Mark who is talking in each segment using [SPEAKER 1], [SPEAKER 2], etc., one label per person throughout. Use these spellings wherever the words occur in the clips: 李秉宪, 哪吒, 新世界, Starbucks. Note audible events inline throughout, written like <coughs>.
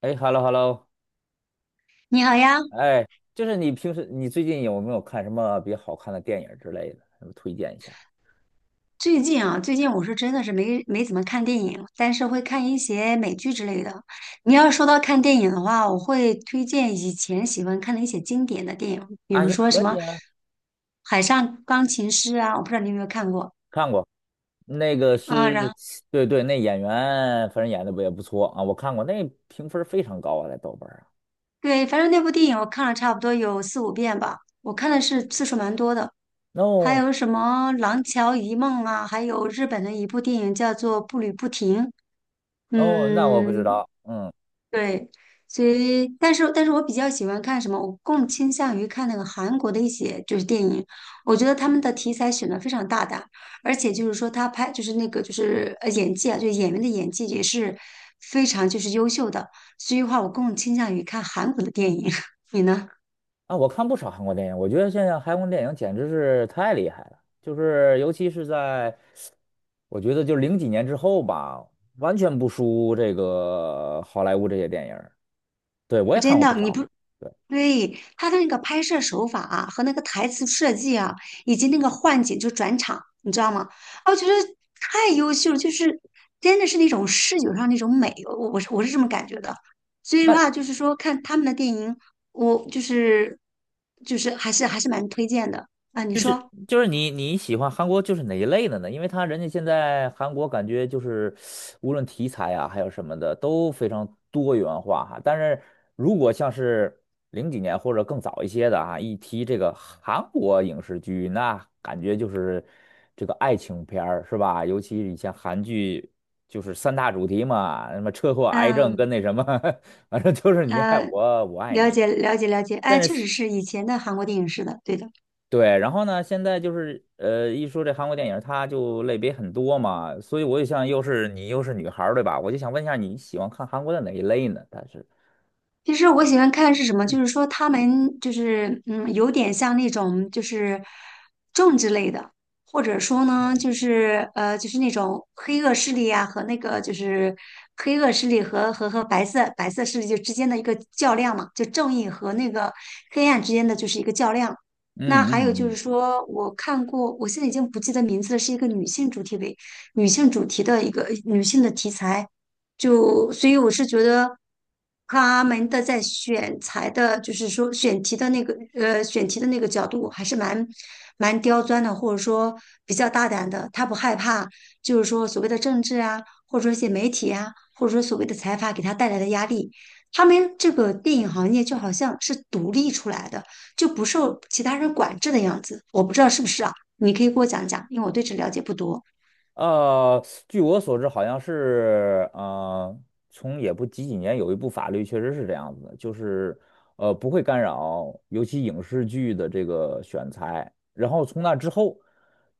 [SPEAKER 1] 哎，hello hello。
[SPEAKER 2] 你好呀，
[SPEAKER 1] 哎，就是你平时你最近有没有看什么比较好看的电影之类的？什么推荐一下？
[SPEAKER 2] 最近我是真的是没怎么看电影，但是会看一些美剧之类的。你要说到看电影的话，我会推荐以前喜欢看的一些经典的电影，比
[SPEAKER 1] 啊，
[SPEAKER 2] 如
[SPEAKER 1] 也
[SPEAKER 2] 说
[SPEAKER 1] 可
[SPEAKER 2] 什么
[SPEAKER 1] 以啊。
[SPEAKER 2] 《海上钢琴师》啊，我不知道你有没有看过
[SPEAKER 1] 看过。那个
[SPEAKER 2] 啊。然
[SPEAKER 1] 是，
[SPEAKER 2] 后
[SPEAKER 1] 对对，那演员反正演的不也不错啊，我看过。那评分非常高啊，在豆瓣儿啊。
[SPEAKER 2] 对，反正那部电影我看了差不多有四五遍吧，我看的是次数蛮多的。还
[SPEAKER 1] 哦
[SPEAKER 2] 有什么《廊桥遗梦》啊，还有日本的一部电影叫做《步履不停》。
[SPEAKER 1] 哦，那我不知
[SPEAKER 2] 嗯，
[SPEAKER 1] 道。嗯。
[SPEAKER 2] 对，所以，但是我比较喜欢看什么？我更倾向于看那个韩国的一些就是电影，我觉得他们的题材选的非常大胆，而且就是说他拍就是那个就是演技啊，就是演员的演技也是非常就是优秀的，所以的话我更倾向于看韩国的电影。<laughs> 你呢？
[SPEAKER 1] 啊，我看不少韩国电影，我觉得现在韩国电影简直是太厉害了，就是尤其是在，我觉得就零几年之后吧，完全不输这个好莱坞这些电影。对，我也看
[SPEAKER 2] 真
[SPEAKER 1] 过不
[SPEAKER 2] 的，你
[SPEAKER 1] 少。
[SPEAKER 2] 不，
[SPEAKER 1] 对，
[SPEAKER 2] 对，他的那个拍摄手法啊，和那个台词设计啊，以及那个换景就转场，你知道吗？啊我觉得太优秀了就是真的是那种视觉上那种美，我是这么感觉的。所以的话，
[SPEAKER 1] 那
[SPEAKER 2] 就是说看他们的电影，我就是还是蛮推荐的啊。你
[SPEAKER 1] 就是
[SPEAKER 2] 说，
[SPEAKER 1] 就是你喜欢韩国就是哪一类的呢？因为他人家现在韩国感觉就是无论题材啊，还有什么的都非常多元化哈。但是如果像是零几年或者更早一些的啊，一提这个韩国影视剧，那感觉就是这个爱情片儿是吧？尤其以前韩剧就是三大主题嘛，什么车祸、癌症
[SPEAKER 2] 嗯
[SPEAKER 1] 跟那什么。<laughs> 反正就是你爱
[SPEAKER 2] 呃，
[SPEAKER 1] 我，我爱
[SPEAKER 2] 了
[SPEAKER 1] 你。
[SPEAKER 2] 解了解了解，哎，确实是以前的韩国电影是的，对的。
[SPEAKER 1] 对，然后呢，现在就是一说这韩国电影，它就类别很多嘛，所以我就想，又是你又是女孩儿对吧？我就想问一下，你喜欢看韩国的哪一类呢？但是，
[SPEAKER 2] 其实我喜欢看是什么，就是说他们就是有点像那种就是政治类的，或者说呢，就是那种黑恶势力啊和那个就是黑恶势力和白色势力就之间的一个较量嘛，就正义和那个黑暗之间的就是一个较量。
[SPEAKER 1] 嗯
[SPEAKER 2] 那还有就
[SPEAKER 1] 嗯
[SPEAKER 2] 是
[SPEAKER 1] 嗯。
[SPEAKER 2] 说，我看过，我现在已经不记得名字了，是一个女性主题的一个女性的题材。就所以我是觉得他们的在选材的，就是说选题的那个角度还是蛮刁钻的，或者说比较大胆的。他不害怕，就是说所谓的政治啊，或者说一些媒体啊，或者说所谓的财阀给他带来的压力。他们这个电影行业就好像是独立出来的，就不受其他人管制的样子。我不知道是不是啊？你可以给我讲讲，因为我对这了解不多。
[SPEAKER 1] 呃，据我所知，好像是从也不几几年有一部法律确实是这样子的，就是不会干扰，尤其影视剧的这个选材。然后从那之后，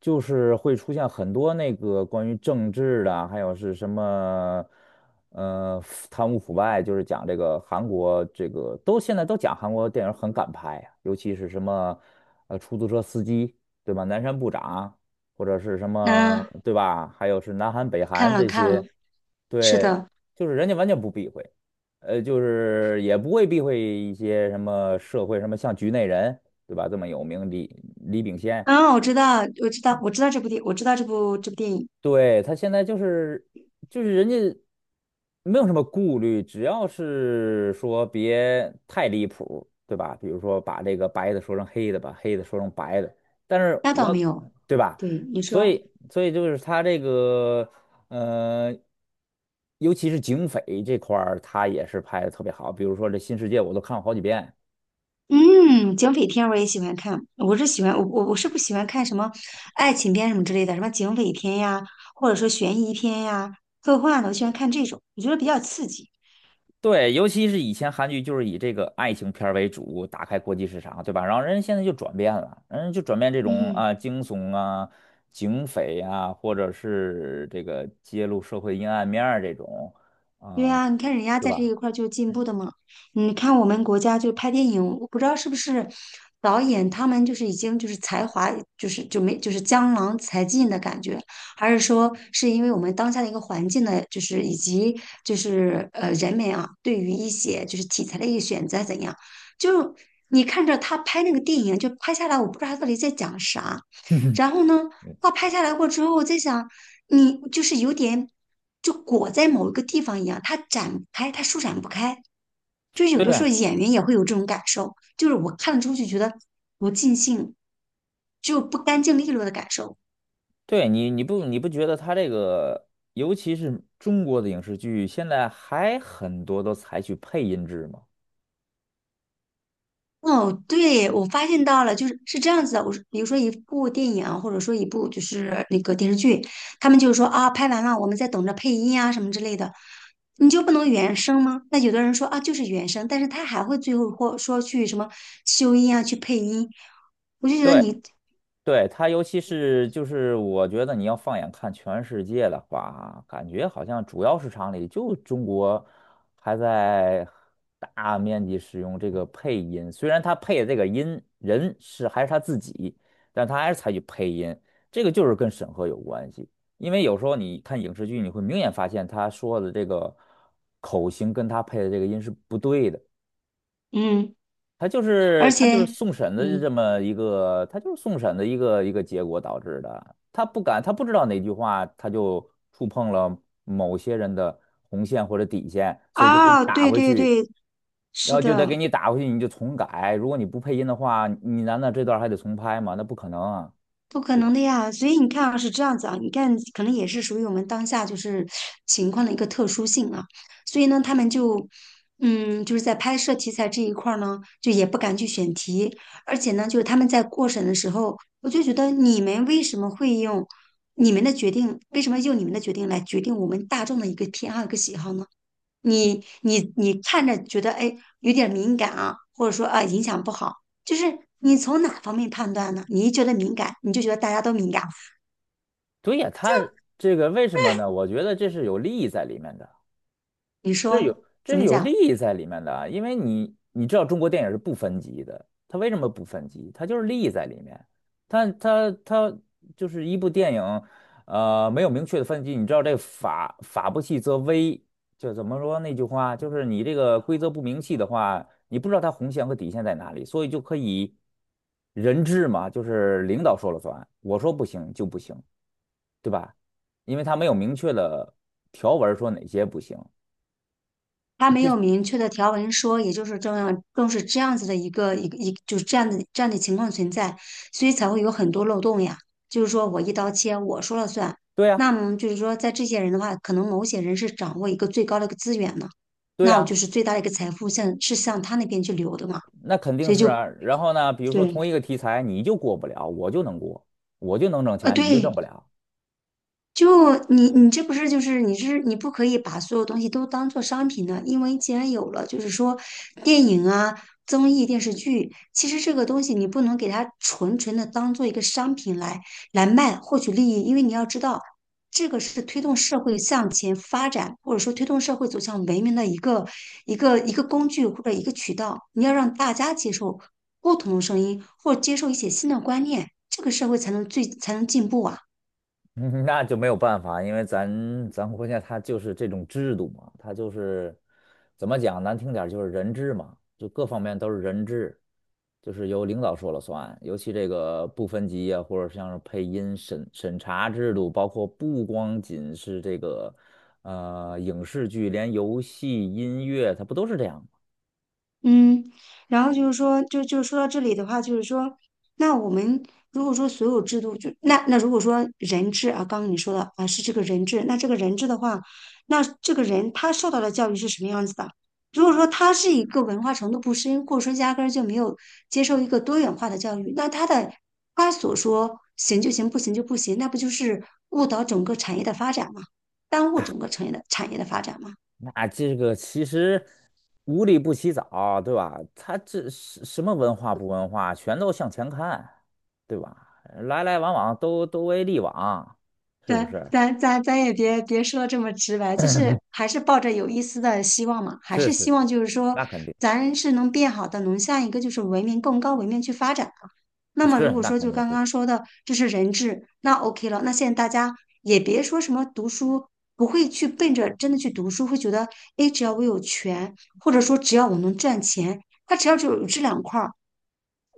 [SPEAKER 1] 就是会出现很多那个关于政治的啊，还有是什么贪污腐败，就是讲这个韩国这个都现在都讲韩国电影很敢拍啊，尤其是什么出租车司机，对吧？南山部长。或者是什么，
[SPEAKER 2] 嗯，
[SPEAKER 1] 对吧？还有是南韩、北
[SPEAKER 2] 看
[SPEAKER 1] 韩
[SPEAKER 2] 了
[SPEAKER 1] 这
[SPEAKER 2] 看了，
[SPEAKER 1] 些，
[SPEAKER 2] 是
[SPEAKER 1] 对，
[SPEAKER 2] 的。
[SPEAKER 1] 就是人家完全不避讳。就是也不会避讳一些什么社会，什么像局内人，对吧？这么有名。李秉宪。
[SPEAKER 2] 嗯，我知道，我知道，我知道这部电，我知道这部电影，
[SPEAKER 1] 对，他现在就是人家没有什么顾虑，只要是说别太离谱，对吧？比如说把这个白的说成黑的，把黑的说成白的，但是
[SPEAKER 2] 那倒
[SPEAKER 1] 我
[SPEAKER 2] 没有。
[SPEAKER 1] 对吧？
[SPEAKER 2] 对，你
[SPEAKER 1] 所
[SPEAKER 2] 说，
[SPEAKER 1] 以所以就是他这个呃，尤其是警匪这块儿，他也是拍的特别好。比如说这《新世界》，我都看了好几遍。
[SPEAKER 2] 嗯，警匪片我也喜欢看，我是不喜欢看什么爱情片什么之类的，什么警匪片呀，或者说悬疑片呀、科幻的，我喜欢看这种，我觉得比较刺激。
[SPEAKER 1] 对，尤其是以前韩剧就是以这个爱情片儿为主，打开国际市场，对吧？然后人家现在就转变了，人家就转变这种
[SPEAKER 2] 嗯。
[SPEAKER 1] 啊惊悚啊、警匪啊，或者是这个揭露社会阴暗面儿这种
[SPEAKER 2] 对
[SPEAKER 1] 啊，
[SPEAKER 2] 呀，你看人家
[SPEAKER 1] 对
[SPEAKER 2] 在这
[SPEAKER 1] 吧？
[SPEAKER 2] 一块儿就进步的嘛。你看我们国家就拍电影，我不知道是不是导演他们就是已经就是才华就是就没就是江郎才尽的感觉，还是说是因为我们当下的一个环境呢，就是以及就是人们啊对于一些就是题材的一个选择怎样，就你看着他拍那个电影就拍下来，我不知道他到底在讲啥。
[SPEAKER 1] <laughs> 嗯。
[SPEAKER 2] 然后呢，画拍下来过之后，我在想，你就是有点就裹在某一个地方一样，它展不开，它舒展不开。就有
[SPEAKER 1] 对
[SPEAKER 2] 的时
[SPEAKER 1] 呀。
[SPEAKER 2] 候演员也会有这种感受，就是我看了之后就觉得不尽兴，就不干净利落的感受。
[SPEAKER 1] 对，你不觉得他这个，尤其是中国的影视剧，现在还很多都采取配音制吗？
[SPEAKER 2] 哦，对，我发现到了，就是是这样子的。我说，比如说一部电影啊或者说一部就是那个电视剧，他们就是说啊，拍完了，我们在等着配音啊什么之类的，你就不能原声吗？那有的人说啊，就是原声，但是他还会最后或说去什么修音啊，去配音，我就觉得
[SPEAKER 1] 对。
[SPEAKER 2] 你，
[SPEAKER 1] 对，它尤其是就是我觉得你要放眼看全世界的话，感觉好像主要市场里就中国还在大面积使用这个配音，虽然他配的这个音人是还是他自己，但他还是采取配音，这个就是跟审核有关系。因为有时候你看影视剧，你会明显发现他说的这个口型跟他配的这个音是不对的。
[SPEAKER 2] 嗯，而
[SPEAKER 1] 他
[SPEAKER 2] 且，
[SPEAKER 1] 就是送审的这
[SPEAKER 2] 嗯，
[SPEAKER 1] 么一个，他就是送审的一个结果导致的。他不敢，他不知道哪句话，他就触碰了某些人的红线或者底线，所以就给你
[SPEAKER 2] 啊，
[SPEAKER 1] 打
[SPEAKER 2] 对
[SPEAKER 1] 回
[SPEAKER 2] 对
[SPEAKER 1] 去，
[SPEAKER 2] 对，
[SPEAKER 1] 然
[SPEAKER 2] 是
[SPEAKER 1] 后就得给
[SPEAKER 2] 的。
[SPEAKER 1] 你打回去，你就重改。如果你不配音的话，你难道这段还得重拍吗？那不可能啊！
[SPEAKER 2] 不可能的呀，所以你看啊，是这样子啊，你看可能也是属于我们当下就是情况的一个特殊性啊，所以呢，他们就，就是在拍摄题材这一块儿呢，就也不敢去选题，而且呢，就是他们在过审的时候，我就觉得你们为什么会用你们的决定，为什么用你们的决定来决定我们大众的一个偏好、一个喜好呢？你看着觉得哎有点敏感啊，或者说啊影响不好，就是你从哪方面判断呢？你一觉得敏感，你就觉得大家都敏感，
[SPEAKER 1] 对呀，他这个为什么呢？我觉得这是有利益在里面的。
[SPEAKER 2] 你
[SPEAKER 1] 这有
[SPEAKER 2] 说
[SPEAKER 1] 这
[SPEAKER 2] 怎
[SPEAKER 1] 是
[SPEAKER 2] 么
[SPEAKER 1] 有利
[SPEAKER 2] 讲？
[SPEAKER 1] 益在里面的啊因为你知道中国电影是不分级的，它为什么不分级？它就是利益在里面，它就是一部电影，没有明确的分级，你知道这法不细则微，就怎么说那句话，就是你这个规则不明细的话，你不知道它红线和底线在哪里，所以就可以人治嘛，就是领导说了算，我说不行就不行，对吧？因为它没有明确的条文说哪些不行。
[SPEAKER 2] 他没有明确的条文说，也就是这样，更是这样子的一个，就是这样的情况存在，所以才会有很多漏洞呀。就是说我一刀切，我说了算。
[SPEAKER 1] 对呀、
[SPEAKER 2] 那么就是说，在这些人的话，可能某些人是掌握一个最高的一个资源呢，
[SPEAKER 1] 对
[SPEAKER 2] 那我就
[SPEAKER 1] 呀。
[SPEAKER 2] 是最大的一个财富向他那边去流的嘛。
[SPEAKER 1] 那肯定
[SPEAKER 2] 所以
[SPEAKER 1] 是
[SPEAKER 2] 就
[SPEAKER 1] 啊。然后呢，比如说
[SPEAKER 2] 对，
[SPEAKER 1] 同一个题材，你就过不了，我就能过，我就能挣钱，你就挣
[SPEAKER 2] 对，
[SPEAKER 1] 不了。
[SPEAKER 2] 就你这不是就是你不可以把所有东西都当做商品呢，因为既然有了，就是说电影啊、综艺、电视剧，其实这个东西你不能给它纯纯的当做一个商品来卖获取利益，因为你要知道，这个是推动社会向前发展，或者说推动社会走向文明的一个工具或者一个渠道，你要让大家接受不同的声音，或者接受一些新的观念，这个社会才能进步啊。
[SPEAKER 1] <laughs> 那就没有办法，因为咱国家它就是这种制度嘛，它就是怎么讲，难听点儿就是人治嘛，就各方面都是人治，就是由领导说了算。尤其这个不分级啊，或者像是配音审查制度，包括不光仅是这个影视剧，连游戏、音乐，它不都是这样？
[SPEAKER 2] 嗯，然后就是说，就说到这里的话，就是说，那我们如果说所有制度那如果说人治啊，刚刚你说的啊是这个人治，那这个人治的话，那这个人他受到的教育是什么样子的？如果说他是一个文化程度不深，或者说压根儿就没有接受一个多元化的教育，那他的他所说行就行，不行就不行，那不就是误导整个产业的发展吗？耽误整个产业的发展吗？
[SPEAKER 1] 那这个其实无利不起早，对吧？他这是什么文化不文化，全都向前看，对吧？来来往往都为利往，是不
[SPEAKER 2] 咱
[SPEAKER 1] 是？
[SPEAKER 2] 咱咱咱也别说这么直白，就是
[SPEAKER 1] <coughs> <clears throat>
[SPEAKER 2] 还是抱着有一丝的希望嘛，还
[SPEAKER 1] 是
[SPEAKER 2] 是
[SPEAKER 1] 是
[SPEAKER 2] 希
[SPEAKER 1] 是，
[SPEAKER 2] 望就是说
[SPEAKER 1] 那肯定
[SPEAKER 2] 咱是能变好的，能向一个就是文明更高文明去发展的。那么
[SPEAKER 1] 是，
[SPEAKER 2] 如果
[SPEAKER 1] 那
[SPEAKER 2] 说
[SPEAKER 1] 肯
[SPEAKER 2] 就
[SPEAKER 1] 定
[SPEAKER 2] 刚
[SPEAKER 1] 是，
[SPEAKER 2] 刚说的这是人治，那 OK 了。那现在大家也别说什么读书，不会去奔着真的去读书，会觉得诶，只要我有权，或者说只要我能赚钱，他只要就有这2块儿，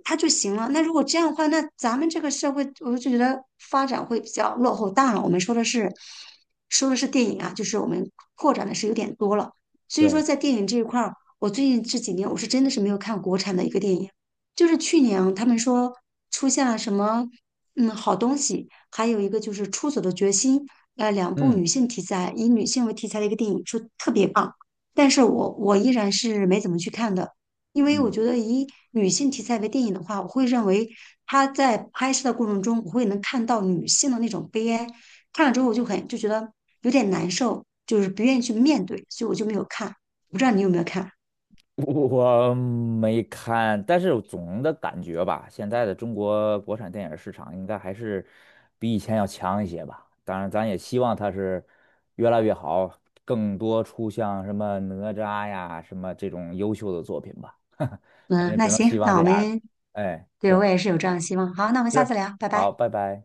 [SPEAKER 2] 它就行了。那如果这样的话，那咱们这个社会，我就觉得发展会比较落后大了。我们说的是电影啊，就是我们扩展的是有点多了。所以说，
[SPEAKER 1] 对，
[SPEAKER 2] 在电影这一块儿，我最近这几年我是真的是没有看国产的一个电影，就是去年啊他们说出现了什么好东西，还有一个就是《出走的决心》，2部
[SPEAKER 1] 嗯
[SPEAKER 2] 女性题材，以女性为题材的一个电影，说特别棒。但是我依然是没怎么去看的。因为我
[SPEAKER 1] 嗯。
[SPEAKER 2] 觉得以女性题材为电影的话，我会认为她在拍摄的过程中，我会能看到女性的那种悲哀，看了之后我就觉得有点难受，就是不愿意去面对，所以我就没有看。不知道你有没有看？
[SPEAKER 1] 我没看，但是总的感觉吧，现在的中国国产电影市场应该还是比以前要强一些吧。当然，咱也希望它是越来越好，更多出像什么哪吒呀、什么这种优秀的作品吧。<laughs> 咱
[SPEAKER 2] 嗯，
[SPEAKER 1] 就只
[SPEAKER 2] 那
[SPEAKER 1] 能希
[SPEAKER 2] 行，
[SPEAKER 1] 望
[SPEAKER 2] 那
[SPEAKER 1] 这
[SPEAKER 2] 我
[SPEAKER 1] 样了。
[SPEAKER 2] 们
[SPEAKER 1] 哎，
[SPEAKER 2] 对
[SPEAKER 1] 行，
[SPEAKER 2] 我也是有这样的希望。好，那我们下
[SPEAKER 1] 是，
[SPEAKER 2] 次聊，拜
[SPEAKER 1] 好，
[SPEAKER 2] 拜。
[SPEAKER 1] 拜拜。